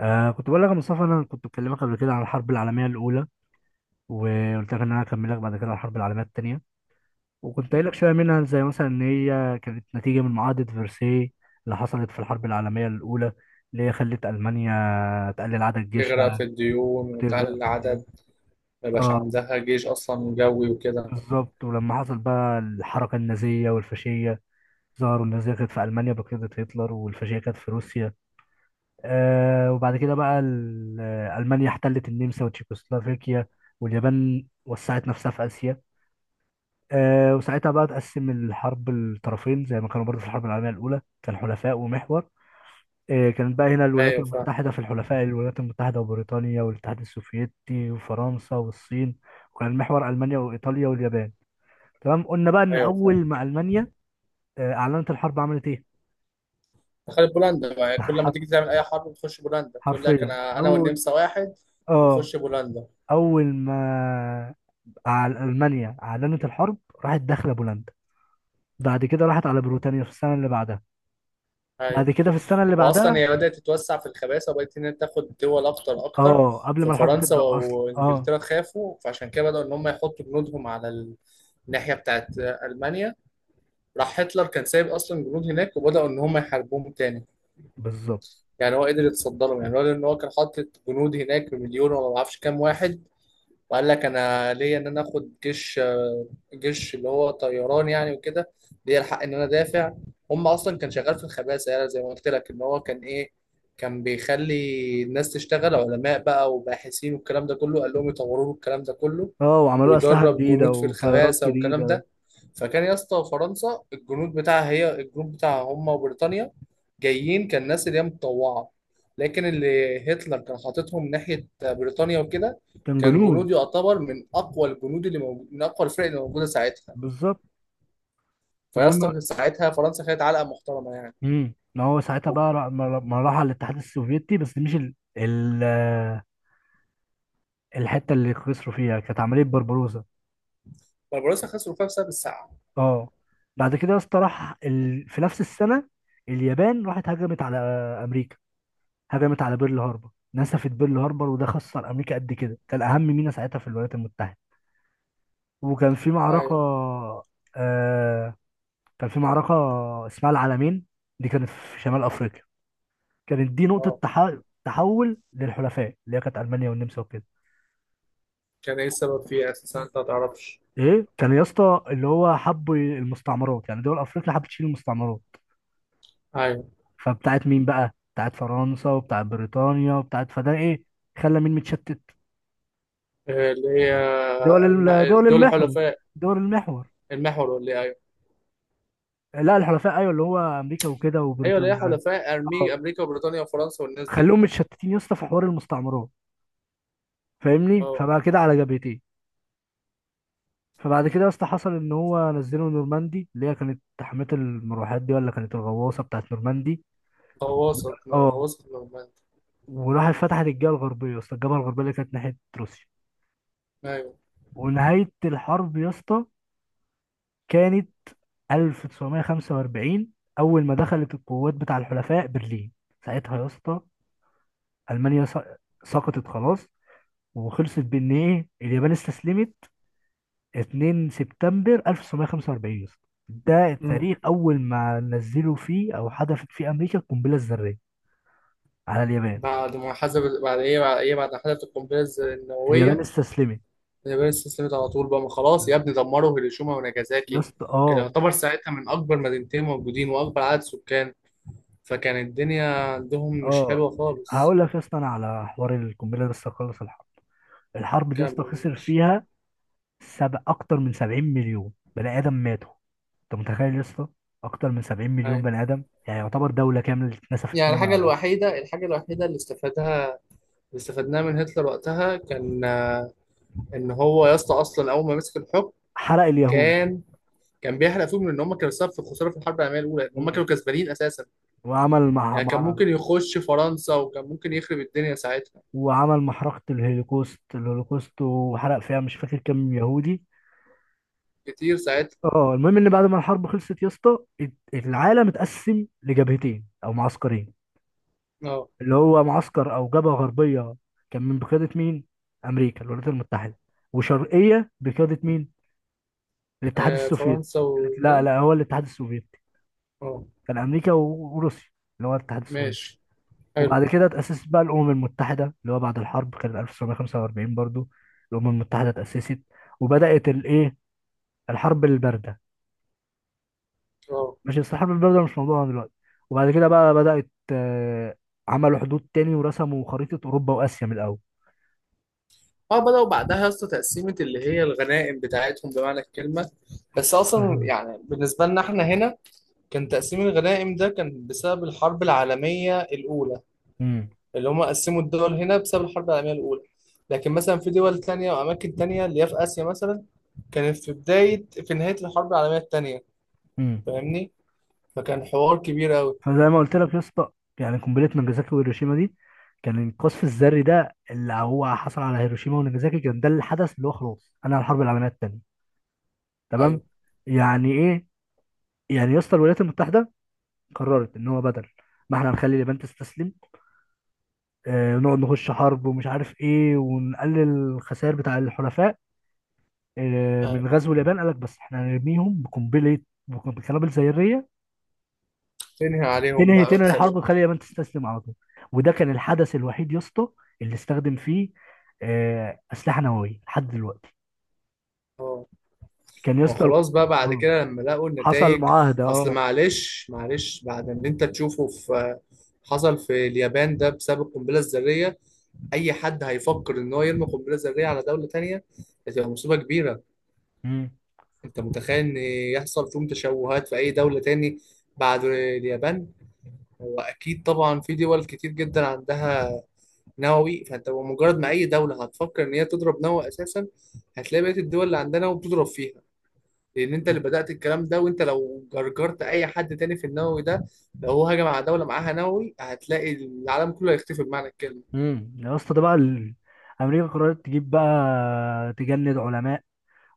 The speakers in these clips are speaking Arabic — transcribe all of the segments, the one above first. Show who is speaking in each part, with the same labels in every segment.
Speaker 1: كنت بقول لك يا مصطفى، انا كنت بكلمك قبل كده عن الحرب العالميه الاولى، وقلت لك ان انا هكملك بعد كده عن الحرب العالميه الثانيه. وكنت قايل لك شويه منها، زي مثلا ان هي كانت نتيجه من معاهده فرساي اللي حصلت في الحرب العالميه الاولى، اللي هي خلت المانيا تقلل عدد
Speaker 2: تغرق في
Speaker 1: جيشها
Speaker 2: الديون
Speaker 1: وتغرق
Speaker 2: وتقل
Speaker 1: في
Speaker 2: عدد.
Speaker 1: الديون.
Speaker 2: ما يبقاش
Speaker 1: اه،
Speaker 2: عندها جيش أصلا جوي وكده.
Speaker 1: بالظبط. ولما حصل بقى الحركه النازيه والفاشيه ظهروا، النازيه كانت في المانيا بقياده هتلر، والفاشيه كانت في روسيا. وبعد كده بقى ألمانيا احتلت النمسا وتشيكوسلوفاكيا، واليابان وسعت نفسها في آسيا. وساعتها بقى تقسم الحرب الطرفين، زي ما كانوا برضه في الحرب العالمية الأولى، كان حلفاء ومحور. كانت بقى هنا الولايات
Speaker 2: أيوة، فاهم.
Speaker 1: المتحدة في الحلفاء، الولايات المتحدة وبريطانيا والاتحاد السوفيتي وفرنسا والصين. وكان المحور ألمانيا وإيطاليا واليابان. تمام، قلنا بقى إن
Speaker 2: أيوة،
Speaker 1: أول
Speaker 2: فاهم.
Speaker 1: ما ألمانيا أعلنت الحرب، عملت إيه؟
Speaker 2: دخلت بولندا بقى، يعني كل ما
Speaker 1: حرف
Speaker 2: تيجي تعمل أي حرب بتخش بولندا، تقول لك
Speaker 1: حرفيا،
Speaker 2: أنا والنمسا واحد
Speaker 1: آه
Speaker 2: ونخش بولندا.
Speaker 1: أول ما على ألمانيا أعلنت الحرب، راحت داخلة بولندا. بعد كده راحت على بريطانيا في السنة اللي بعدها.
Speaker 2: أيوة.
Speaker 1: بعد كده في السنة اللي
Speaker 2: وأصلا
Speaker 1: بعدها.
Speaker 2: هي بدأت تتوسع في الخباثة وبقت إن هي تاخد دول أكتر أكتر.
Speaker 1: اه، قبل ما الحرب
Speaker 2: ففرنسا
Speaker 1: تبدأ أصلا. اه،
Speaker 2: وإنجلترا خافوا، فعشان كده بدأوا إن هم يحطوا جنودهم على الناحية بتاعت ألمانيا. راح هتلر كان سايب أصلا جنود هناك، وبدأوا إن هم يحاربوهم تاني.
Speaker 1: بالظبط.
Speaker 2: يعني هو قدر يتصدى لهم، يعني هو لان هو كان حاطط جنود هناك بمليون ولا ما اعرفش كام واحد. وقال لك انا ليا ان انا اخد جيش اللي هو طيران يعني وكده. ليا الحق ان انا دافع. هم اصلا كان شغال في الخباثه، يعني زي ما قلت لك ان هو كان ايه، كان بيخلي الناس تشتغل علماء بقى وباحثين والكلام ده كله، قال لهم يطوروا له الكلام ده كله،
Speaker 1: اه، وعملوا أسلحة
Speaker 2: ويدرب
Speaker 1: جديدة
Speaker 2: جنود في
Speaker 1: وطيارات
Speaker 2: الخباثه والكلام
Speaker 1: جديدة.
Speaker 2: ده. فكان يا اسطى فرنسا الجنود بتاعها هي، الجنود بتاعها هم وبريطانيا جايين، كان ناس اللي هي متطوعه. لكن اللي هتلر كان حاططهم ناحيه بريطانيا وكده
Speaker 1: كان
Speaker 2: كان
Speaker 1: جنون.
Speaker 2: جنود يعتبر من اقوى الجنود اللي موجود، من اقوى الفرق اللي موجوده ساعتها.
Speaker 1: بالظبط.
Speaker 2: فيا
Speaker 1: المهم،
Speaker 2: اسطى ساعتها فرنسا خدت علقه محترمه يعني.
Speaker 1: ما هو ساعتها
Speaker 2: و-
Speaker 1: بقى ما راح على الاتحاد السوفيتي، بس مش ال... ال... آه، الحتة اللي خسروا فيها، كانت عملية بربروسا.
Speaker 2: فرنسا خسروا فيها بسبب الساعه.
Speaker 1: اه، بعد كده يا اسطى راح في نفس السنة، اليابان راحت هجمت على أمريكا، هجمت على بيرل هاربر، نسفت بيرل هاربر. وده خسر امريكا قد كده، كان اهم ميناء ساعتها في الولايات المتحده. وكان في معركه
Speaker 2: ايوه.
Speaker 1: آه كان في معركه اسمها العلمين، دي كانت في شمال افريقيا. كانت دي نقطه
Speaker 2: اه.
Speaker 1: تحول للحلفاء، اللي هي كانت المانيا والنمسا وكده.
Speaker 2: كان ايه السبب فيها اساسا؟ انت ما تعرفش.
Speaker 1: ايه، كان يا اسطى اللي هو حب المستعمرات، يعني دول افريقيا حبت تشيل المستعمرات.
Speaker 2: ايوه.
Speaker 1: فبتاعت مين بقى؟ بتاعت فرنسا وبتاعت بريطانيا وبتاعت، فده ايه، خلى مين متشتت؟
Speaker 2: اللي هي الم...
Speaker 1: دول
Speaker 2: دول
Speaker 1: المحور،
Speaker 2: حلفاء،
Speaker 1: دول المحور.
Speaker 2: المحور، ولا ايه؟ ايوه.
Speaker 1: لا، الحلفاء. ايوه، اللي هو امريكا وكده
Speaker 2: ايوه، اللي
Speaker 1: وبريطانيا.
Speaker 2: هي
Speaker 1: ايوه،
Speaker 2: حلفاء، امريكا وبريطانيا وفرنسا والناس دي.
Speaker 1: خلوهم متشتتين يا اسطى في حوار المستعمرات، فاهمني؟
Speaker 2: اه.
Speaker 1: فبقى كده على جبهتين. فبعد كده يا اسطى، حصل ان هو نزلوا نورماندي، اللي هي كانت حماة المروحات دي، ولا كانت الغواصه بتاعت نورماندي.
Speaker 2: غواصه
Speaker 1: اه،
Speaker 2: غواصه نورماندي.
Speaker 1: وراحت فتحت الجبهه الغربيه يا اسطى، الجبهه الغربيه اللي كانت ناحيه روسيا.
Speaker 2: ايوه.
Speaker 1: ونهايه الحرب يا اسطى كانت 1945، اول ما دخلت القوات بتاع الحلفاء برلين. ساعتها يا اسطى المانيا سقطت خلاص، وخلصت بان ايه اليابان استسلمت. 2 سبتمبر 1945 يا اسطى، ده
Speaker 2: امم
Speaker 1: التاريخ اول ما نزلوا فيه او حدثت فيه امريكا القنبله الذريه على اليابان.
Speaker 2: بعد ما حسب بعد ايه، بعد ما حسبت القنبله
Speaker 1: اليابان
Speaker 2: النوويه؟
Speaker 1: استسلمت
Speaker 2: اليابان استسلمت على طول بقى، ما خلاص يا ابني، دمروا هيروشيما
Speaker 1: يا
Speaker 2: وناجازاكي.
Speaker 1: اسطى.
Speaker 2: كان
Speaker 1: اه،
Speaker 2: يعتبر ساعتها من أكبر مدينتين موجودين وأكبر عدد سكان، فكان الدنيا عندهم مش
Speaker 1: اه،
Speaker 2: حلوة خالص.
Speaker 1: هقول لك يا اسطى انا على حوار القنبله ده لسه، خلص الحرب. الحرب دي يا اسطى
Speaker 2: كمل
Speaker 1: خسر
Speaker 2: ماشي.
Speaker 1: فيها اكتر من 70 مليون بني ادم ماتوا. انت متخيل يا اسطى؟ اكتر من 70 مليون
Speaker 2: هاي.
Speaker 1: بني ادم، يعني يعتبر دوله كامله اتنسفت
Speaker 2: يعني
Speaker 1: كده من
Speaker 2: الحاجة
Speaker 1: على الارض.
Speaker 2: الوحيدة الحاجة الوحيدة اللي استفادها، اللي استفدناها من هتلر وقتها كان إن هو يا اسطى أصلا أول ما مسك الحكم
Speaker 1: حرق اليهود.
Speaker 2: كان كان بيحرق فيهم، لأن هم كانوا سبب في الخسارة في الحرب العالمية الأولى، هم
Speaker 1: مم.
Speaker 2: كانوا كسبانين أساسا.
Speaker 1: وعمل مع
Speaker 2: يعني كان
Speaker 1: مع
Speaker 2: ممكن يخش فرنسا وكان ممكن يخرب الدنيا ساعتها.
Speaker 1: وعمل محرقة الهولوكوست، الهولوكوست، وحرق فيها مش فاكر كام يهودي.
Speaker 2: كتير ساعتها.
Speaker 1: اه، المهم ان بعد ما الحرب خلصت يا اسطى، العالم اتقسم لجبهتين او معسكرين،
Speaker 2: اه.
Speaker 1: اللي هو معسكر او جبهة غربية كان من بقيادة مين؟ امريكا، الولايات المتحدة. وشرقية بقيادة مين؟ الاتحاد
Speaker 2: آه،
Speaker 1: السوفيتي.
Speaker 2: فرنسا
Speaker 1: لا،
Speaker 2: وكده.
Speaker 1: لا، هو الاتحاد السوفيتي،
Speaker 2: اه.
Speaker 1: كان امريكا وروسيا، اللي هو الاتحاد السوفيتي.
Speaker 2: ماشي. حلو.
Speaker 1: وبعد كده اتأسست بقى الأمم المتحدة، اللي هو بعد الحرب كان 1945 برضو الأمم المتحدة اتأسست. وبدأت الايه؟ الحرب البارده.
Speaker 2: اه،
Speaker 1: ماشي، بس الحرب البارده مش موضوعنا دلوقتي. وبعد كده بقى بدات، عملوا حدود تاني ورسموا خريطه اوروبا واسيا من الاول.
Speaker 2: اه، بدأوا بعدها يا اسطى تقسيمة اللي هي الغنائم بتاعتهم بمعنى الكلمة. بس أصلا
Speaker 1: مهم.
Speaker 2: يعني بالنسبة لنا احنا هنا كان تقسيم الغنائم ده كان بسبب الحرب العالمية الأولى،
Speaker 1: امم
Speaker 2: اللي هم قسموا الدول هنا بسبب الحرب العالمية الأولى. لكن مثلا في دول تانية وأماكن تانية اللي هي في آسيا مثلا كانت في نهاية الحرب العالمية التانية.
Speaker 1: امم
Speaker 2: فاهمني؟ فكان حوار كبير أوي.
Speaker 1: فزي ما قلت لك يا اسطى، يعني قنبله ناجازاكي وهيروشيما دي، كان القصف الذري ده اللي هو حصل على هيروشيما وناجازاكي، كان ده الحدث اللي هو خلاص انا الحرب العالميه الثانيه. تمام.
Speaker 2: أيوه.
Speaker 1: يعني ايه؟ يعني يا اسطى، الولايات المتحده قررت ان هو بدل ما احنا نخلي اليابان تستسلم، نقعد نخش حرب ومش عارف ايه، ونقلل الخسائر بتاع الحلفاء من
Speaker 2: أيوه.
Speaker 1: غزو اليابان، قال لك بس احنا هنرميهم بقنبله، بقنابل ذريه.
Speaker 2: تنهي عليهم
Speaker 1: تنهي
Speaker 2: بقى
Speaker 1: تنهي الحرب،
Speaker 2: وتخليهم.
Speaker 1: وتخلي اليابان تستسلم على طول. وده كان الحدث الوحيد يا اسطى اللي استخدم فيه اسلحه نوويه لحد دلوقتي.
Speaker 2: اه.
Speaker 1: كان يا اسطى
Speaker 2: وخلاص بقى، بعد
Speaker 1: آه،
Speaker 2: كده لما لقوا
Speaker 1: حصل
Speaker 2: النتائج.
Speaker 1: معاهده.
Speaker 2: اصل
Speaker 1: اه.
Speaker 2: معلش، معلش، بعد اللي انت تشوفه في، حصل في اليابان ده بسبب القنبله الذريه، اي حد هيفكر ان هو يرمي قنبله ذريه على دوله تانية هتبقى مصيبه كبيره.
Speaker 1: مم.
Speaker 2: انت متخيل ان يحصل فيهم تشوهات في اي دوله تاني بعد اليابان؟ هو اكيد طبعا في دول كتير جدا عندها نووي، فانت مجرد ما اي دوله هتفكر ان هي تضرب نووي اساسا، هتلاقي بقيه الدول اللي عندها نووي بتضرب فيها، لان انت اللي بدات الكلام ده. وانت لو جرجرت اي حد تاني في النووي ده، لو هو هجم على دوله معاها نووي، هتلاقي العالم كله هيختفي بمعنى الكلمه.
Speaker 1: يا اسطى ده بقى امريكا قررت تجيب بقى، تجند علماء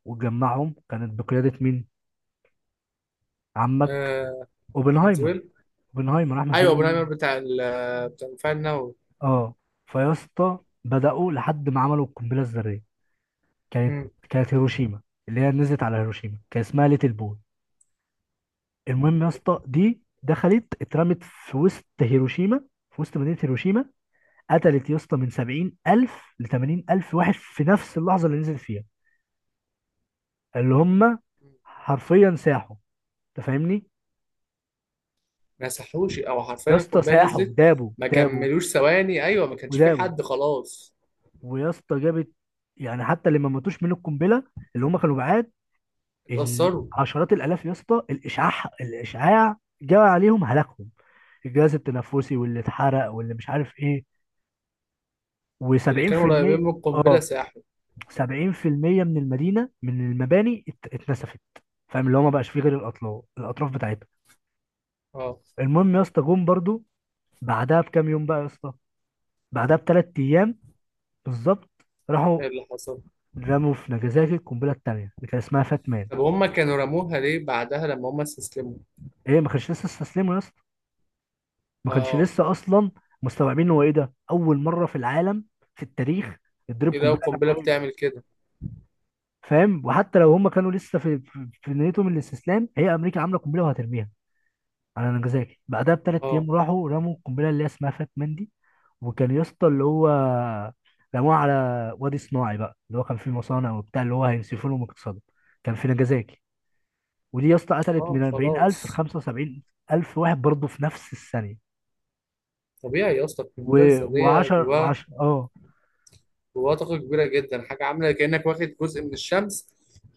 Speaker 1: وتجمعهم. كانت بقياده مين؟ عمك
Speaker 2: آه، احمد
Speaker 1: اوبنهايمر.
Speaker 2: زويل.
Speaker 1: اوبنهايمر احمد
Speaker 2: ايوه، ابو
Speaker 1: زويل.
Speaker 2: نمر بتاع بتاع المفاعل النووي.
Speaker 1: اه، فيا اسطى بدأوا لحد ما عملوا القنبلة الذرية. كانت
Speaker 2: مم.
Speaker 1: كانت هيروشيما، اللي هي نزلت على هيروشيما كان اسمها ليتل بوي. المهم يا اسطى دي دخلت اترمت في وسط هيروشيما، في وسط مدينة هيروشيما. قتلت يا اسطى من 70 ألف ل 80 ألف واحد في نفس اللحظة اللي نزلت فيها، اللي هم حرفيا ساحوا، انت فاهمني؟
Speaker 2: مسحوش، او
Speaker 1: يا
Speaker 2: حرفيا
Speaker 1: اسطى
Speaker 2: القنبله
Speaker 1: ساحوا،
Speaker 2: نزلت.
Speaker 1: دابوا،
Speaker 2: ما
Speaker 1: دابوا،
Speaker 2: كملوش ثواني، ايوه، ما كانش في
Speaker 1: ودابوا.
Speaker 2: حد خلاص.
Speaker 1: ويا اسطى جابت، يعني حتى اللي ما ماتوش من القنبلة، اللي هم كانوا بعاد، ال-
Speaker 2: اتأثروا.
Speaker 1: عشرات الالاف يا اسطى. الاشعاع، الاشعاع جاء عليهم هلاكهم، الجهاز التنفسي، واللي اتحرق، واللي مش عارف ايه.
Speaker 2: اللي كانوا قريبين
Speaker 1: و70%.
Speaker 2: من القنبله
Speaker 1: اه،
Speaker 2: ساحوا.
Speaker 1: 70% من المدينه، من المباني اتنسفت. فاهم اللي هو ما بقاش فيه غير الاطراف بتاعتها.
Speaker 2: اه.
Speaker 1: المهم يا اسطى جم برضو بعدها بكام يوم بقى يا اسطى، بعدها بثلاث ايام بالظبط، راحوا
Speaker 2: ايه اللي حصل؟
Speaker 1: رموا في ناجازاكي القنبله الثانيه، اللي كان اسمها فاتمان.
Speaker 2: طب هم كانوا رموها ليه بعدها لما هم استسلموا؟
Speaker 1: ايه، ما كانش لسه استسلموا يا اسطى، ما كانش
Speaker 2: اه.
Speaker 1: لسه اصلا مستوعبين هو ايه ده. اول مره في العالم، في التاريخ، تضرب
Speaker 2: ايه ده؟
Speaker 1: قنبله
Speaker 2: القنبله
Speaker 1: نوويه.
Speaker 2: بتعمل كده؟
Speaker 1: فاهم؟ وحتى لو هم كانوا لسه في نيتهم الاستسلام، هي امريكا عامله قنبله وهترميها على نجازاكي، بعدها بثلاث
Speaker 2: اه.
Speaker 1: ايام راحوا رموا القنبله اللي هي اسمها فات مندي. وكان يا اسطى اللي هو رموها على وادي صناعي بقى، اللي هو كان فيه مصانع وبتاع، اللي هو هينسفوا لهم اقتصادهم، كان في نجازاكي. ودي يا اسطى قتلت
Speaker 2: اه،
Speaker 1: من 40,000 ل
Speaker 2: خلاص.
Speaker 1: 75,000 واحد برضه في نفس الثانيه.
Speaker 2: طبيعي يا اسطى القنبله
Speaker 1: و10،
Speaker 2: الذريه جواها
Speaker 1: و10. اه.
Speaker 2: جواها طاقه كبيره جدا، حاجه عامله كانك واخد جزء من الشمس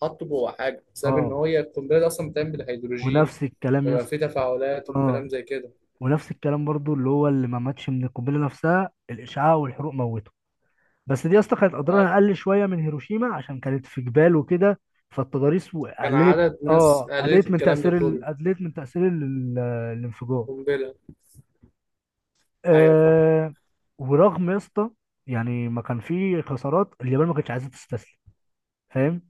Speaker 2: حاطه جوه حاجه، بسبب ان
Speaker 1: اه،
Speaker 2: هي القنبله دي اصلا بتعمل بالهيدروجين،
Speaker 1: ونفس الكلام يا
Speaker 2: بيبقى فيه
Speaker 1: اسطى.
Speaker 2: تفاعلات
Speaker 1: اه،
Speaker 2: وكلام زي كده.
Speaker 1: ونفس الكلام برضو، اللي هو اللي ما ماتش من القنبله نفسها، الاشعاع والحروق موته. بس دي يا اسطى كانت
Speaker 2: آه،
Speaker 1: اضرارها اقل شويه من هيروشيما، عشان كانت في جبال وكده، فالتضاريس و-
Speaker 2: كان
Speaker 1: قللت
Speaker 2: عدد ناس
Speaker 1: اه
Speaker 2: قالت
Speaker 1: قللت من
Speaker 2: الكلام ده
Speaker 1: تاثير ال...
Speaker 2: كله.
Speaker 1: قللت من تاثير ال... ال- الانفجار.
Speaker 2: قنبله. ايوه فاهم.
Speaker 1: آه ورغم يا اسطى، يعني ما كان في خسارات، اليابان ما كانتش عايزه تستسلم، فاهم؟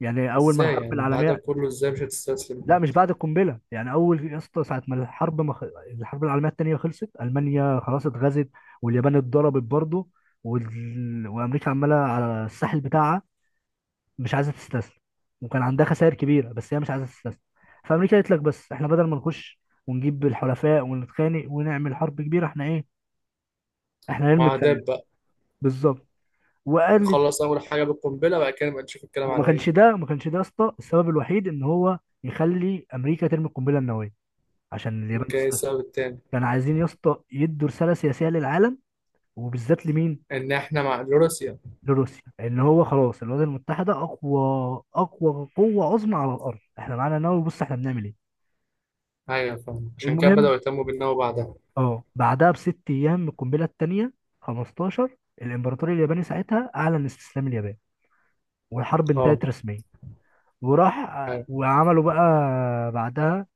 Speaker 1: يعني اول ما
Speaker 2: ازاي
Speaker 1: الحرب
Speaker 2: يعني؟ بعد ده
Speaker 1: العالميه،
Speaker 2: كله ازاي مش هتستسلم
Speaker 1: لا، مش
Speaker 2: حتى؟
Speaker 1: بعد القنبله، يعني اول يا اسطى، ساعه ما الحرب ما خ... الحرب العالميه الثانيه خلصت، المانيا خلاص اتغزت، واليابان اتضربت برضه، وامريكا عماله على الساحل بتاعها، مش عايزه تستسلم، وكان عندها خسائر كبيره، بس هي مش عايزه تستسلم. فامريكا قالت لك بس احنا بدل ما نخش ونجيب الحلفاء ونتخانق ونعمل حرب كبيره، احنا ايه، احنا نرمي الكلام.
Speaker 2: معادات بقى.
Speaker 1: بالظبط. وقالت.
Speaker 2: نخلص اول حاجه بالقنبله، بعد كده نبقى نشوف الكلام
Speaker 1: وما
Speaker 2: على ايه.
Speaker 1: كانش ده، ما كانش ده يا اسطى السبب الوحيد ان هو يخلي امريكا ترمي القنبله النوويه عشان
Speaker 2: ما
Speaker 1: اليابان
Speaker 2: كان إيه
Speaker 1: تستسلم.
Speaker 2: السبب التاني؟
Speaker 1: كانوا عايزين يا اسطى يدوا رساله سياسيه للعالم، وبالذات لمين؟
Speaker 2: ان احنا مع روسيا.
Speaker 1: لروسيا، ان هو خلاص الولايات المتحده اقوى، اقوى قوه عظمى على الارض، احنا معانا نووي، بص احنا بنعمل ايه.
Speaker 2: ايوه فاهم، عشان كده بداوا
Speaker 1: المهم،
Speaker 2: يهتموا بالنووي بعدها.
Speaker 1: اه، بعدها بست ايام القنبله الثانيه، 15 الامبراطور الياباني ساعتها اعلن استسلام اليابان، والحرب
Speaker 2: اه.
Speaker 1: انتهت رسميا. وراح
Speaker 2: أيوة.
Speaker 1: وعملوا بقى بعدها،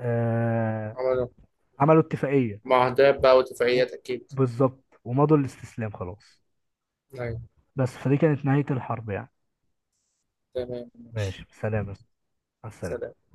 Speaker 1: آه
Speaker 2: عملوا.
Speaker 1: عملوا اتفاقيه،
Speaker 2: معاهدات بقى
Speaker 1: و-
Speaker 2: واتفاقيات أكيد.
Speaker 1: بالظبط، ومضوا الاستسلام خلاص.
Speaker 2: أيوة.
Speaker 1: بس فدي كانت نهايه الحرب يعني.
Speaker 2: تمام ماشي.
Speaker 1: ماشي، سلام. السلام.
Speaker 2: سلام.